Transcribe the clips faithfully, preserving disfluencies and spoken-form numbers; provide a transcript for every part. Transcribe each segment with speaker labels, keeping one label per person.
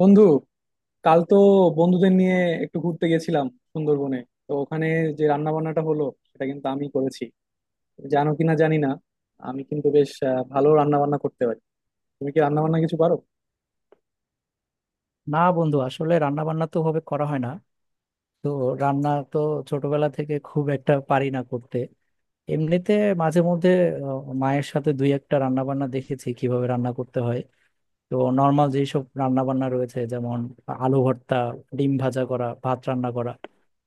Speaker 1: বন্ধু, কাল তো বন্ধুদের নিয়ে একটু ঘুরতে গেছিলাম সুন্দরবনে। তো ওখানে যে রান্না বান্নাটা হলো সেটা কিন্তু আমি করেছি। তুমি জানো কিনা জানি না, আমি কিন্তু বেশ আহ, ভালো রান্না বান্না করতে পারি। তুমি কি রান্না বান্না কিছু পারো?
Speaker 2: না বন্ধু, আসলে রান্না বান্না তো ভাবে করা হয় না। তো রান্না তো ছোটবেলা থেকে খুব একটা পারি না করতে। এমনিতে মাঝে মধ্যে আহ, মায়ের সাথে দুই একটা রান্না বান্না দেখেছি কিভাবে রান্না করতে হয়। তো নর্মাল যেসব রান্না বান্না রয়েছে যেমন আলু ভর্তা, ডিম ভাজা করা, ভাত রান্না করা,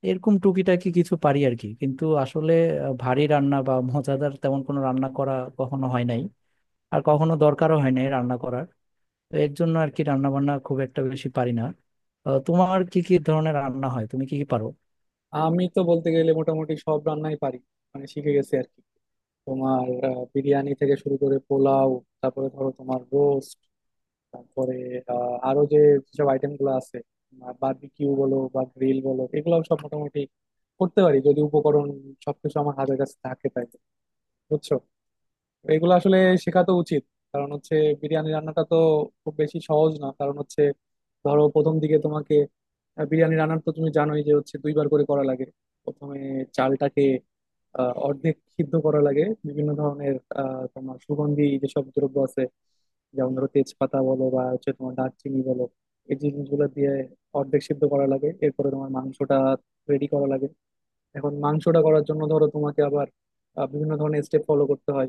Speaker 2: এরকম টুকিটাকি কিছু পারি আর কি। কিন্তু আসলে আহ, ভারী রান্না বা মজাদার তেমন কোনো রান্না করা কখনো হয় নাই, আর কখনো দরকারও হয় নাই রান্না করার। তো এর জন্য আর কি রান্না বান্না খুব একটা বেশি পারি না। আহ, তোমার কি কি ধরনের রান্না হয়, তুমি কি কি পারো?
Speaker 1: আমি তো বলতে গেলে মোটামুটি সব রান্নাই পারি, মানে শিখে গেছি আর কি। তোমার আহ, বিরিয়ানি থেকে শুরু করে পোলাও, তারপরে ধরো তোমার রোস্ট, তারপরে আহ, আরো যে যেসব আইটেম গুলো আছে, বারবিকিউ বলো বা গ্রিল বলো, এগুলো সব মোটামুটি করতে পারি যদি উপকরণ সবকিছু আমার হাতের কাছে থাকে তাই। বুঝছো? তো এগুলো আসলে শেখা তো উচিত। কারণ হচ্ছে বিরিয়ানি রান্নাটা তো খুব বেশি সহজ না। কারণ হচ্ছে ধরো প্রথম দিকে তোমাকে আহ, বিরিয়ানি রান্নার তো তুমি জানোই যে হচ্ছে দুইবার করে করা লাগে। প্রথমে চালটাকে আহ অর্ধেক সিদ্ধ করা লাগে বিভিন্ন ধরনের আহ তোমার সুগন্ধি যেসব দ্রব্য আছে, যেমন ধরো তেজপাতা বলো বা হচ্ছে তোমার দারচিনি বলো, এই জিনিসগুলো দিয়ে অর্ধেক সিদ্ধ করা লাগে। এরপরে তোমার মাংসটা রেডি করা লাগে। এখন মাংসটা করার জন্য ধরো তোমাকে আবার আহ, বিভিন্ন ধরনের স্টেপ ফলো করতে হয়।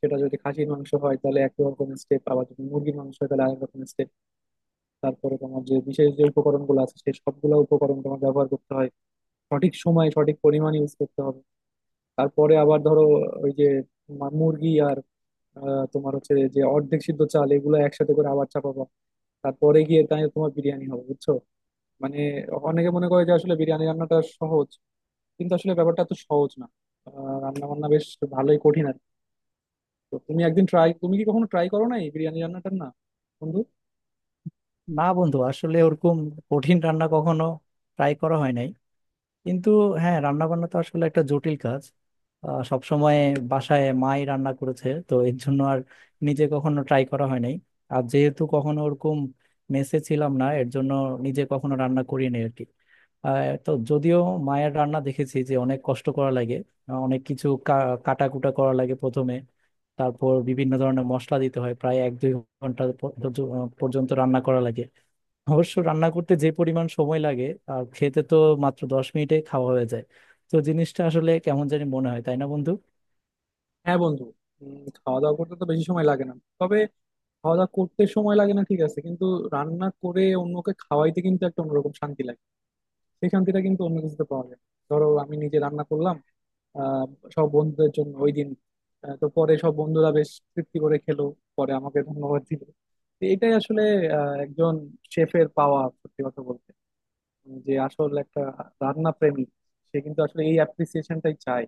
Speaker 1: সেটা যদি খাসির মাংস হয় তাহলে এক রকম স্টেপ, আবার যদি মুরগির মাংস হয় তাহলে আরেক রকম স্টেপ। তারপরে তোমার যে বিশেষ যে উপকরণগুলো আছে সেই সবগুলো উপকরণ তোমার ব্যবহার করতে হয়, সঠিক সময়ে সঠিক পরিমাণ ইউজ করতে হবে। তারপরে আবার ধরো ওই যে মা- মুরগি আর আহ, তোমার হচ্ছে যে অর্ধেক সিদ্ধ চাল এগুলো একসাথে করে আবার চাপাবা। তারপরে গিয়ে তাই তোমার বিরিয়ানি হবে। বুঝছো? মানে অনেকে মনে করে যে আসলে বিরিয়ানি রান্নাটা সহজ, কিন্তু আসলে ব্যাপারটা তো সহজ না। আহ, রান্না বান্না বেশ ভালোই কঠিন আর কি। তো তুমি একদিন ট্রাই, তুমি কি কখনো ট্রাই করো না এই বিরিয়ানি রান্নাটার, না বন্ধু?
Speaker 2: না বন্ধু, আসলে ওরকম কঠিন রান্না কখনো ট্রাই করা হয় নাই। কিন্তু হ্যাঁ, রান্না বান্না তো আসলে একটা জটিল কাজ। সব সময় বাসায় মাই রান্না করেছে, তো এর জন্য আর নিজে কখনো ট্রাই করা হয় নাই। আর যেহেতু কখনো ওরকম মেসে ছিলাম না, এর জন্য নিজে কখনো রান্না করিনি আর কি। আহ, তো যদিও মায়ের রান্না দেখেছি যে অনেক কষ্ট করা লাগে। আহ, অনেক কিছু কাটাকুটা করা লাগে প্রথমে, তারপর বিভিন্ন ধরনের মশলা দিতে হয়, প্রায় এক দুই ঘন্টা প- পর্যন্ত রান্না করা লাগে। অবশ্য রান্না করতে যে পরিমাণ সময় লাগে, আর খেতে তো মাত্র দশ মিনিটে খাওয়া হয়ে যায়। তো জিনিসটা আসলে কেমন জানি মনে হয়, তাই না বন্ধু?
Speaker 1: হ্যাঁ বন্ধু। উম, খাওয়া দাওয়া করতে তো বেশি সময় লাগে না, তবে খাওয়া দাওয়া করতে সময় লাগে না ঠিক আছে, কিন্তু রান্না করে অন্যকে খাওয়াইতে কিন্তু একটা অন্যরকম শান্তি লাগে। সেই শান্তিটা কিন্তু অন্য কিছুতে পাওয়া যায় না। ধরো আমি নিজে রান্না করলাম আহ সব বন্ধুদের জন্য ওই দিন। আহ, তো পরে সব বন্ধুরা বেশ তৃপ্তি করে খেলো, পরে আমাকে ধন্যবাদ দিল। তো এটাই আসলে আহ, একজন শেফের পাওয়া সত্যি কথা বলতে, যে আসল একটা রান্না প্রেমী সে কিন্তু আসলে এই অ্যাপ্রিসিয়েশনটাই চায়।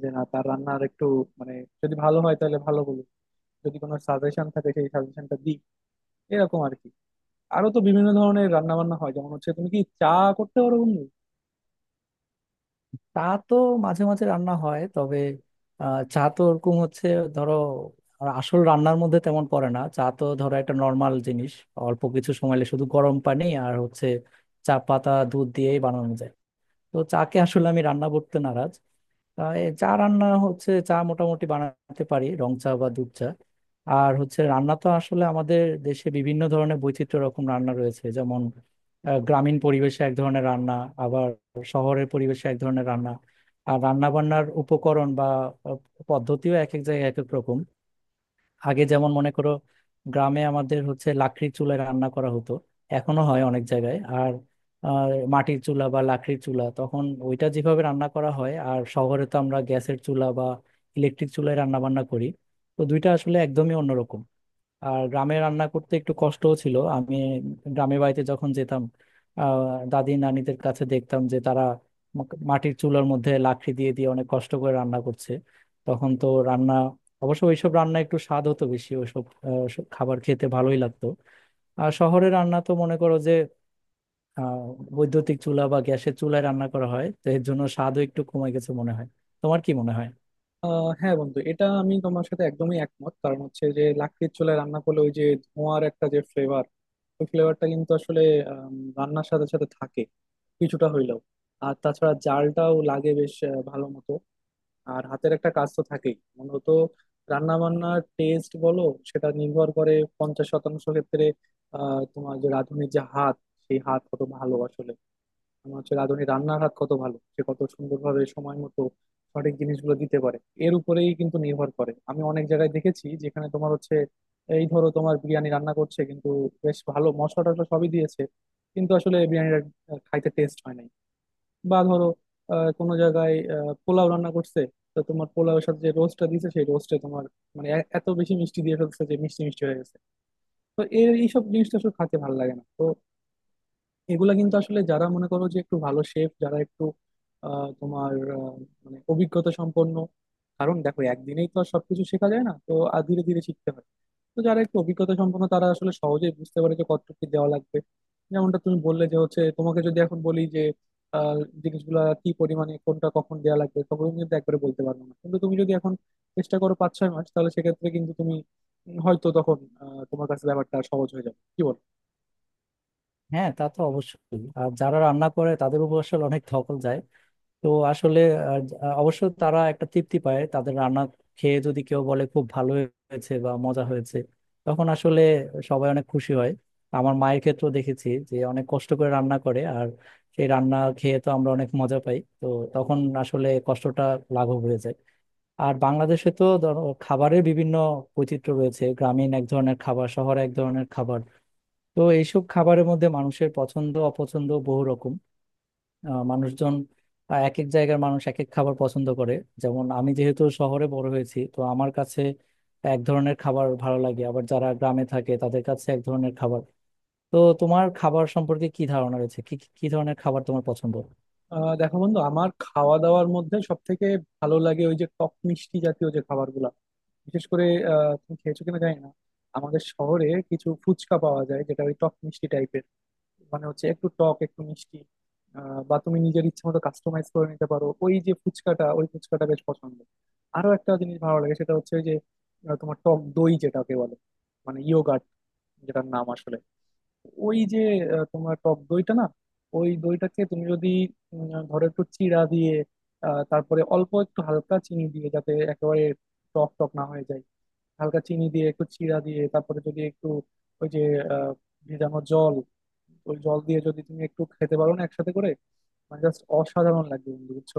Speaker 1: যে না, তার রান্নার একটু মানে যদি ভালো হয় তাহলে ভালো বলুক, যদি কোনো সাজেশন থাকে সেই সাজেশনটা দিই, এরকম আর কি। আরো তো বিভিন্ন ধরনের রান্না বান্না হয়, যেমন হচ্ছে তুমি কি চা করতে পারো বন্ধু?
Speaker 2: চা তো মাঝে মাঝে রান্না হয়, তবে আহ, চা তো ওরকম হচ্ছে ধরো আর আসল রান্নার মধ্যে তেমন পড়ে না। চা তো ধরো একটা নর্মাল জিনিস, অল্প কিছু সময় লাগে, শুধু গরম পানি আর হচ্ছে চা পাতা দুধ দিয়েই বানানো যায়। তো চাকে আসলে আমি রান্না করতে নারাজ। আহ, এ চা রান্না হচ্ছে, চা মোটামুটি বানাতে পারি, রং চা বা দুধ চা। আর হচ্ছে রান্না তো আসলে আমাদের দেশে বিভিন্ন ধরনের বৈচিত্র্য রকম রান্না রয়েছে, যেমন আহ, গ্রামীণ পরিবেশে এক ধরনের রান্না, আবার শহরের পরিবেশে এক ধরনের রান্না। আর রান্না বান্নার উপকরণ বা আহ, পদ্ধতিও এক এক জায়গায় এক এক রকম। আগে যেমন মনে করো গ্রামে আমাদের হচ্ছে লাকড়ির চুলায় রান্না করা হতো, এখনো হয় অনেক জায়গায়। আর আর মাটির চুলা বা লাকড়ির চুলা, তখন ওইটা যেভাবে রান্না করা হয়, আর শহরে তো আমরা গ্যাসের চুলা বা ইলেকট্রিক চুলায় রান্না বান্না করি। তো দুইটা আসলে একদমই অন্যরকম। আর গ্রামে রান্না করতে একটু কষ্টও ছিল। আমি গ্রামে বাড়িতে যখন যেতাম, আহ, দাদি নানিদের কাছে দেখতাম যে তারা মা- মাটির চুলার মধ্যে লাকড়ি দিয়ে দিয়ে অনেক কষ্ট করে রান্না করছে। তখন তো রান্না অবশ্য ওইসব রান্না একটু স্বাদ হতো বেশি, ওইসব আহ, সব খাবার খেতে ভালোই লাগতো। আর শহরে রান্না তো মনে করো যে আহ, বৈদ্যুতিক চুলা বা গ্যাসের চুলায় রান্না করা হয়, তো এর জন্য স্বাদও একটু কমে গেছে মনে হয়। তোমার কি মনে হয়?
Speaker 1: আহ হ্যাঁ বন্ধু, এটা আমি তোমার সাথে একদমই একমত। কারণ হচ্ছে যে লাকড়ির চুলায় রান্না করলে ওই যে ধোঁয়ার একটা যে ফ্লেভার, ওই ফ্লেভারটা কিন্তু আসলে আম, রান্নার সাথে সাথে থাকে কিছুটা হইলেও। আর তাছাড়া জালটাও লাগে বেশ আহ, ভালো মতো। আর হাতের একটা কাজ তো থাকেই মূলত। রান্না বান্নার টেস্ট বলো, সেটা নির্ভর করে পঞ্চাশ শতাংশ ক্ষেত্রে আহ তোমার যে রাঁধুনির যে হাত, সেই হাত কত ভালো আসলে। আমার হচ্ছে রাঁধুনি রান্নাঘাত কত ভালো, সে কত সুন্দরভাবে সময় মতো সঠিক জিনিসগুলো দিতে পারে, এর উপরেই কিন্তু নির্ভর করে। আমি অনেক জায়গায় দেখেছি যেখানে তোমার হচ্ছে এই ধরো তোমার বিরিয়ানি রান্না করছে কিন্তু বেশ ভালো মশলা টশলা সবই দিয়েছে কিন্তু আসলে বিরিয়ানিটা আহ, খাইতে টেস্ট হয় নাই। বা ধরো আহ, কোনো জায়গায় আহ, পোলাও রান্না করছে, তো তোমার পোলাওয়ের সাথে যে রোস্টটা দিয়েছে সেই রোস্টে তোমার মানে এ- এত বেশি মিষ্টি দিয়ে ফেলছে যে মিষ্টি মিষ্টি হয়ে গেছে। তো এই এইসব জিনিসটা আসলে খাইতে ভালো লাগে না। তো এগুলা কিন্তু আসলে যারা মনে করো যে একটু ভালো শেফ, যারা একটু আহ, তোমার আহ, মানে অভিজ্ঞতা সম্পন্ন। কারণ দেখো একদিনেই তো আর সবকিছু শেখা যায় না, তো আর ধীরে ধীরে শিখতে হয়। তো যারা একটু অভিজ্ঞতা সম্পন্ন তারা আসলে সহজেই বুঝতে পারে যে কতটুকু কি দেওয়া লাগবে। যেমনটা তুমি বললে যে হচ্ছে তোমাকে যদি এখন বলি যে আহ, জিনিসগুলা কি পরিমাণে কোনটা কখন দেওয়া লাগবে তখন তুমি কিন্তু একবারে বলতে পারবো না, কিন্তু তুমি যদি এখন চেষ্টা করো পাঁচ ছয় মাস, তাহলে সেক্ষেত্রে কিন্তু তুমি উম, হয়তো তখন আহ, তোমার কাছে ব্যাপারটা সহজ হয়ে যাবে, কি বলো?
Speaker 2: হ্যাঁ, তা তো অবশ্যই। আর যারা রান্না করে তাদের উপর আসলে অনেক ধকল যায়। তো আসলে আহ, অবশ্য তারা একটা তৃপ্তি পায়, তাদের রান্না খেয়ে যদি কেউ বলে খুব ভালো হয়েছে বা মজা হয়েছে, তখন আসলে সবাই অনেক খুশি হয়। আমার মায়ের ক্ষেত্রেও দেখেছি যে অনেক কষ্ট করে রান্না করে, আর সেই রান্না খেয়ে তো আমরা অনেক মজা পাই। তো তখন আসলে কষ্টটা লাঘব হয়ে যায়। আর বাংলাদেশে তো ধরো খাবারের বিভিন্ন বৈচিত্র্য রয়েছে, গ্রামীণ এক ধরনের খাবার, শহরে এক ধরনের খাবার। তো এইসব খাবারের মধ্যে মানুষের পছন্দ অপছন্দ বহু রকম। আহ, মানুষজন আহ, এক এক জায়গার মানুষ এক এক খাবার পছন্দ করে। যেমন আমি যেহেতু শহরে বড় হয়েছি, তো আমার কাছে এক ধরনের খাবার ভালো লাগে, আবার যারা গ্রামে থাকে তাদের কাছে এক ধরনের খাবার। তো তোমার খাবার সম্পর্কে কি ধারণা রয়েছে, কি কি কি ধরনের খাবার তোমার পছন্দ?
Speaker 1: আহ দেখো বন্ধু, আমার খাওয়া দাওয়ার মধ্যে সব থেকে ভালো লাগে ওই যে টক মিষ্টি জাতীয় যে খাবারগুলো। বিশেষ করে আহ তুমি খেয়েছো কিনা জানি না, আমাদের শহরে কিছু ফুচকা পাওয়া যায় যেটা ওই টক মিষ্টি টাইপের, মানে হচ্ছে একটু টক একটু মিষ্টি। আহ বা তুমি নিজের ইচ্ছে মতো কাস্টমাইজ করে নিতে পারো ওই যে ফুচকাটা, ওই ফুচকাটা বেশ পছন্দ। আরো একটা জিনিস ভালো লাগে, সেটা হচ্ছে ওই যে আহ, তোমার টক দই যেটাকে বলে মানে ইয়োগার্ট, যেটার নাম আসলে ওই যে আহ, তোমার টক দইটা না, ওই দইটাকে তুমি যদি উম, ধরো একটু চিড়া দিয়ে আহ, তারপরে অল্প একটু হালকা চিনি দিয়ে, যাতে একেবারে টক টক না হয়ে যায়, হালকা চিনি দিয়ে একটু চিড়া দিয়ে তারপরে যদি একটু ওই যে আহ, ভেজানো জল, ওই জল দিয়ে যদি তুমি একটু খেতে পারো না একসাথে করে, মানে জাস্ট অসাধারণ লাগবে বন্ধু। বুঝছো?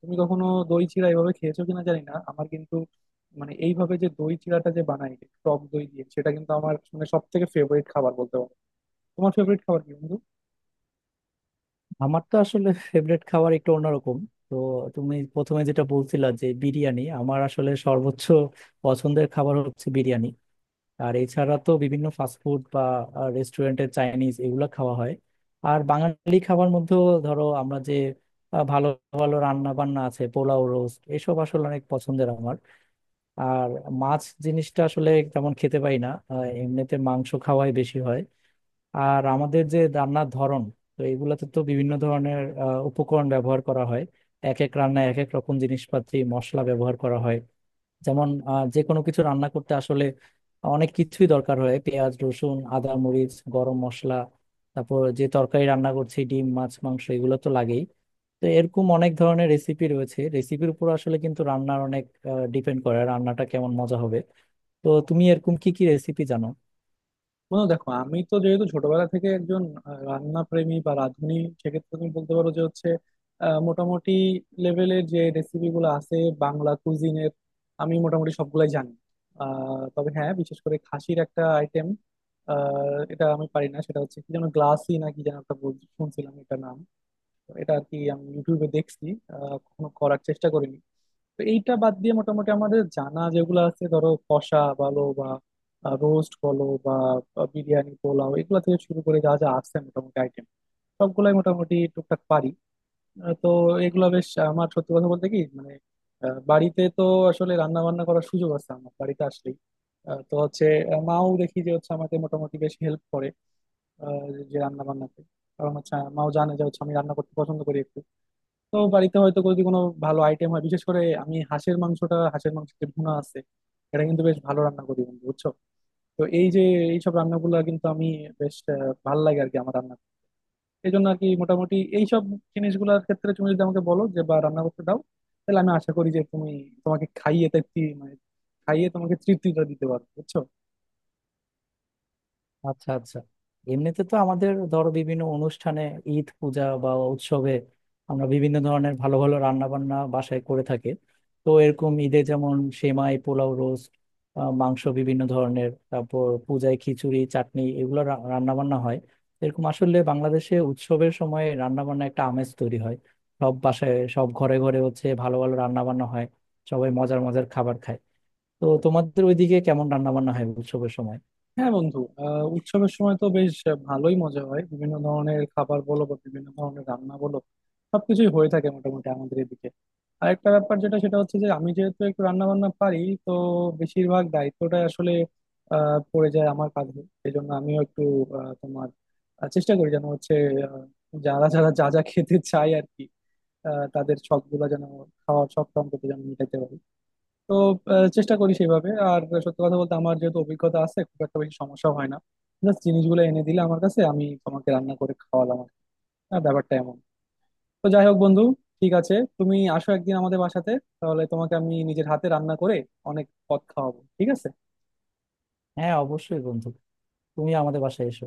Speaker 1: তুমি কখনো দই চিড়া এইভাবে খেয়েছো কিনা জানি না, আমার কিন্তু মানে এইভাবে যে দই চিড়াটা যে বানাই টক দই দিয়ে সেটা কিন্তু আমার মানে সব থেকে ফেভারিট খাবার বলতে পারো। তোমার ফেভারিট খাবার কি বন্ধু?
Speaker 2: আমার তো আসলে ফেভারিট খাবার একটু অন্যরকম। তো তুমি প্রথমে যেটা বলছিলা যে বিরিয়ানি, আমার আসলে সর্বোচ্চ পছন্দের খাবার হচ্ছে বিরিয়ানি। আর এছাড়া তো বিভিন্ন ফাস্টফুড বা রেস্টুরেন্টের চাইনিজ এগুলো খাওয়া হয়। আর বাঙালি খাবার মধ্যেও ধরো আমরা যে আহ, ভালো ভালো রান্না বান্না আছে, পোলাও, রোস্ট, এসব আসলে অনেক পছন্দের আমার। আর মাছ জিনিসটা আসলে তেমন খেতে পাই না, আহ, এমনিতে মাংস খাওয়াই বেশি হয়। আর আমাদের যে রান্নার ধরন, তো এগুলাতে তো বিভিন্ন ধরনের আহ, উপকরণ ব্যবহার করা হয়। এক এক রান্নায় এক এক রকম জিনিসপাতি মশলা ব্যবহার করা হয়। যেমন আহ, যে কোনো কিছু রান্না করতে আসলে অনেক কিছুই দরকার হয়, পেঁয়াজ, রসুন, আদা, মরিচ, গরম মশলা। তারপর যে তরকারি রান্না করছি, ডিম, মাছ, মাংস, এগুলো তো লাগেই। তো এরকম অনেক ধরনের রেসিপি রয়েছে, রেসিপির উপর আসলে কিন্তু রান্নার অনেক ডিপেন্ড করে, রান্নাটা কেমন মজা হবে। তো তুমি এরকম কি কি রেসিপি জানো?
Speaker 1: বন্ধু দেখো, আমি তো যেহেতু ছোটবেলা থেকে একজন আহ, রান্না প্রেমী বা রাঁধুনি, সেক্ষেত্রে তুমি বলতে পারো যে হচ্ছে আহ, মোটামুটি লেভেলের যে রেসিপি গুলো আছে বাংলা কুজিনের, আমি মোটামুটি সবগুলাই জানি। আহ, তবে হ্যাঁ, বিশেষ করে খাসির একটা আইটেম এটা আমি পারি না, সেটা হচ্ছে কি যেন গ্লাসি নাকি যেন একটা বল- শুনছিলাম এটা নাম। তো এটা আর কি আমি ইউটিউবে দেখছি, আহ, কখনো করার চেষ্টা করিনি। তো এইটা বাদ দিয়ে মোটামুটি আমাদের জানা যেগুলো আছে ধরো কষা বলো বা রোস্ট বলো বা আহ, বিরিয়ানি পোলাও এগুলা থেকে শুরু করে যা যা আছে মোটামুটি আইটেম সবগুলাই মোটামুটি টুকটাক পারি। আহ, তো এগুলা বেশ আমার সত্যি কথা বলতে কি মানে আহ, বাড়িতে তো আসলে রান্না বান্না করার সুযোগ আছে আমার বাড়িতে আসলেই। আহ, তো হচ্ছে আহ, মাও দেখি যে হচ্ছে আমাকে মোটামুটি বেশ হেল্প করে আহ, যে রান্না বান্নাতে। কারণ হচ্ছে মাও জানে যে হচ্ছে আমি রান্না করতে পছন্দ করি একটু। তো বাড়িতে হয়তো যদি কোনো ভালো আইটেম হয় বিশেষ করে আমি হাঁসের মাংসটা, হাঁসের মাংসের যে ভুনা আছে এটা কিন্তু বেশ ভালো রান্না করি বন্ধু। বুঝছো? তো এই যে এইসব রান্নাগুলো কিন্তু আমি বেশ আহ, ভালো লাগে আর কি আমার রান্না। এই জন্য আর কি মোটামুটি এইসব জিনিসগুলোর ক্ষেত্রে তুমি যদি আমাকে বলো যে বা রান্না করতে দাও তাহলে আমি আশা করি যে তুমি তোমাকে খাইয়ে তৃপ্তি মানে খাইয়ে তোমাকে তৃপ্তিটা দিতে পারবো। বুঝছো?
Speaker 2: আচ্ছা, আচ্ছা। এমনিতে তো আমাদের ধরো বিভিন্ন অনুষ্ঠানে, ঈদ, পূজা বা উৎসবে আমরা বিভিন্ন ধরনের ভালো ভালো রান্না বান্না বাসায় করে থাকি। তো এরকম ঈদে যেমন সেমাই, পোলাও, রোস্ট, মাংস বিভিন্ন ধরনের, তারপর পূজায় খিচুড়ি, চাটনি, এগুলো রান্না বান্না হয়। এরকম আসলে বাংলাদেশে উৎসবের সময় রান্না বান্না একটা আমেজ তৈরি হয়। সব বাসায়, সব ঘরে ঘরে হচ্ছে ভালো ভালো রান্না বান্না হয়, সবাই মজার মজার খাবার খায়। তো তোমাদের ওইদিকে কেমন রান্না বান্না হয় উৎসবের সময়?
Speaker 1: হ্যাঁ বন্ধু, আহ উৎসবের সময় তো বেশ ভালোই মজা হয়, বিভিন্ন ধরনের খাবার বলো বা বিভিন্ন ধরনের রান্না বলো সবকিছুই হয়ে থাকে মোটামুটি আমাদের এদিকে। আর একটা ব্যাপার যেটা সেটা হচ্ছে যে আমি যেহেতু একটু রান্না বান্না পারি তো বেশিরভাগ দায়িত্বটা আসলে আহ পড়ে যায় আমার কাঁধে সেই জন্য আমিও একটু আহ, তোমার আহ, চেষ্টা করি যেন হচ্ছে আহ, যারা যারা যা যা খেতে চায় আর কি, আহ, তাদের শখ গুলা যেন, খাওয়ার শখ অন্তত যেন মিটাতে পারি। তো আহ, চেষ্টা করি সেইভাবে। আর সত্যি কথা বলতে আমার যেহেতু অভিজ্ঞতা আছে খুব একটা বেশি সমস্যা হয় না, জাস্ট জিনিসগুলো এনে দিলে আমার কাছে আমি তোমাকে রান্না করে খাওয়ালাম আর কি। আর ব্যাপারটা এমন। তো যাই হোক বন্ধু, ঠিক আছে, তুমি আসো একদিন আমাদের বাসাতে, তাহলে তোমাকে আমি নিজের হাতে রান্না করে অনেক পদ খাওয়াবো, ঠিক আছে?
Speaker 2: হ্যাঁ, অবশ্যই বন্ধু, তুমি আমাদের বাসায় এসো।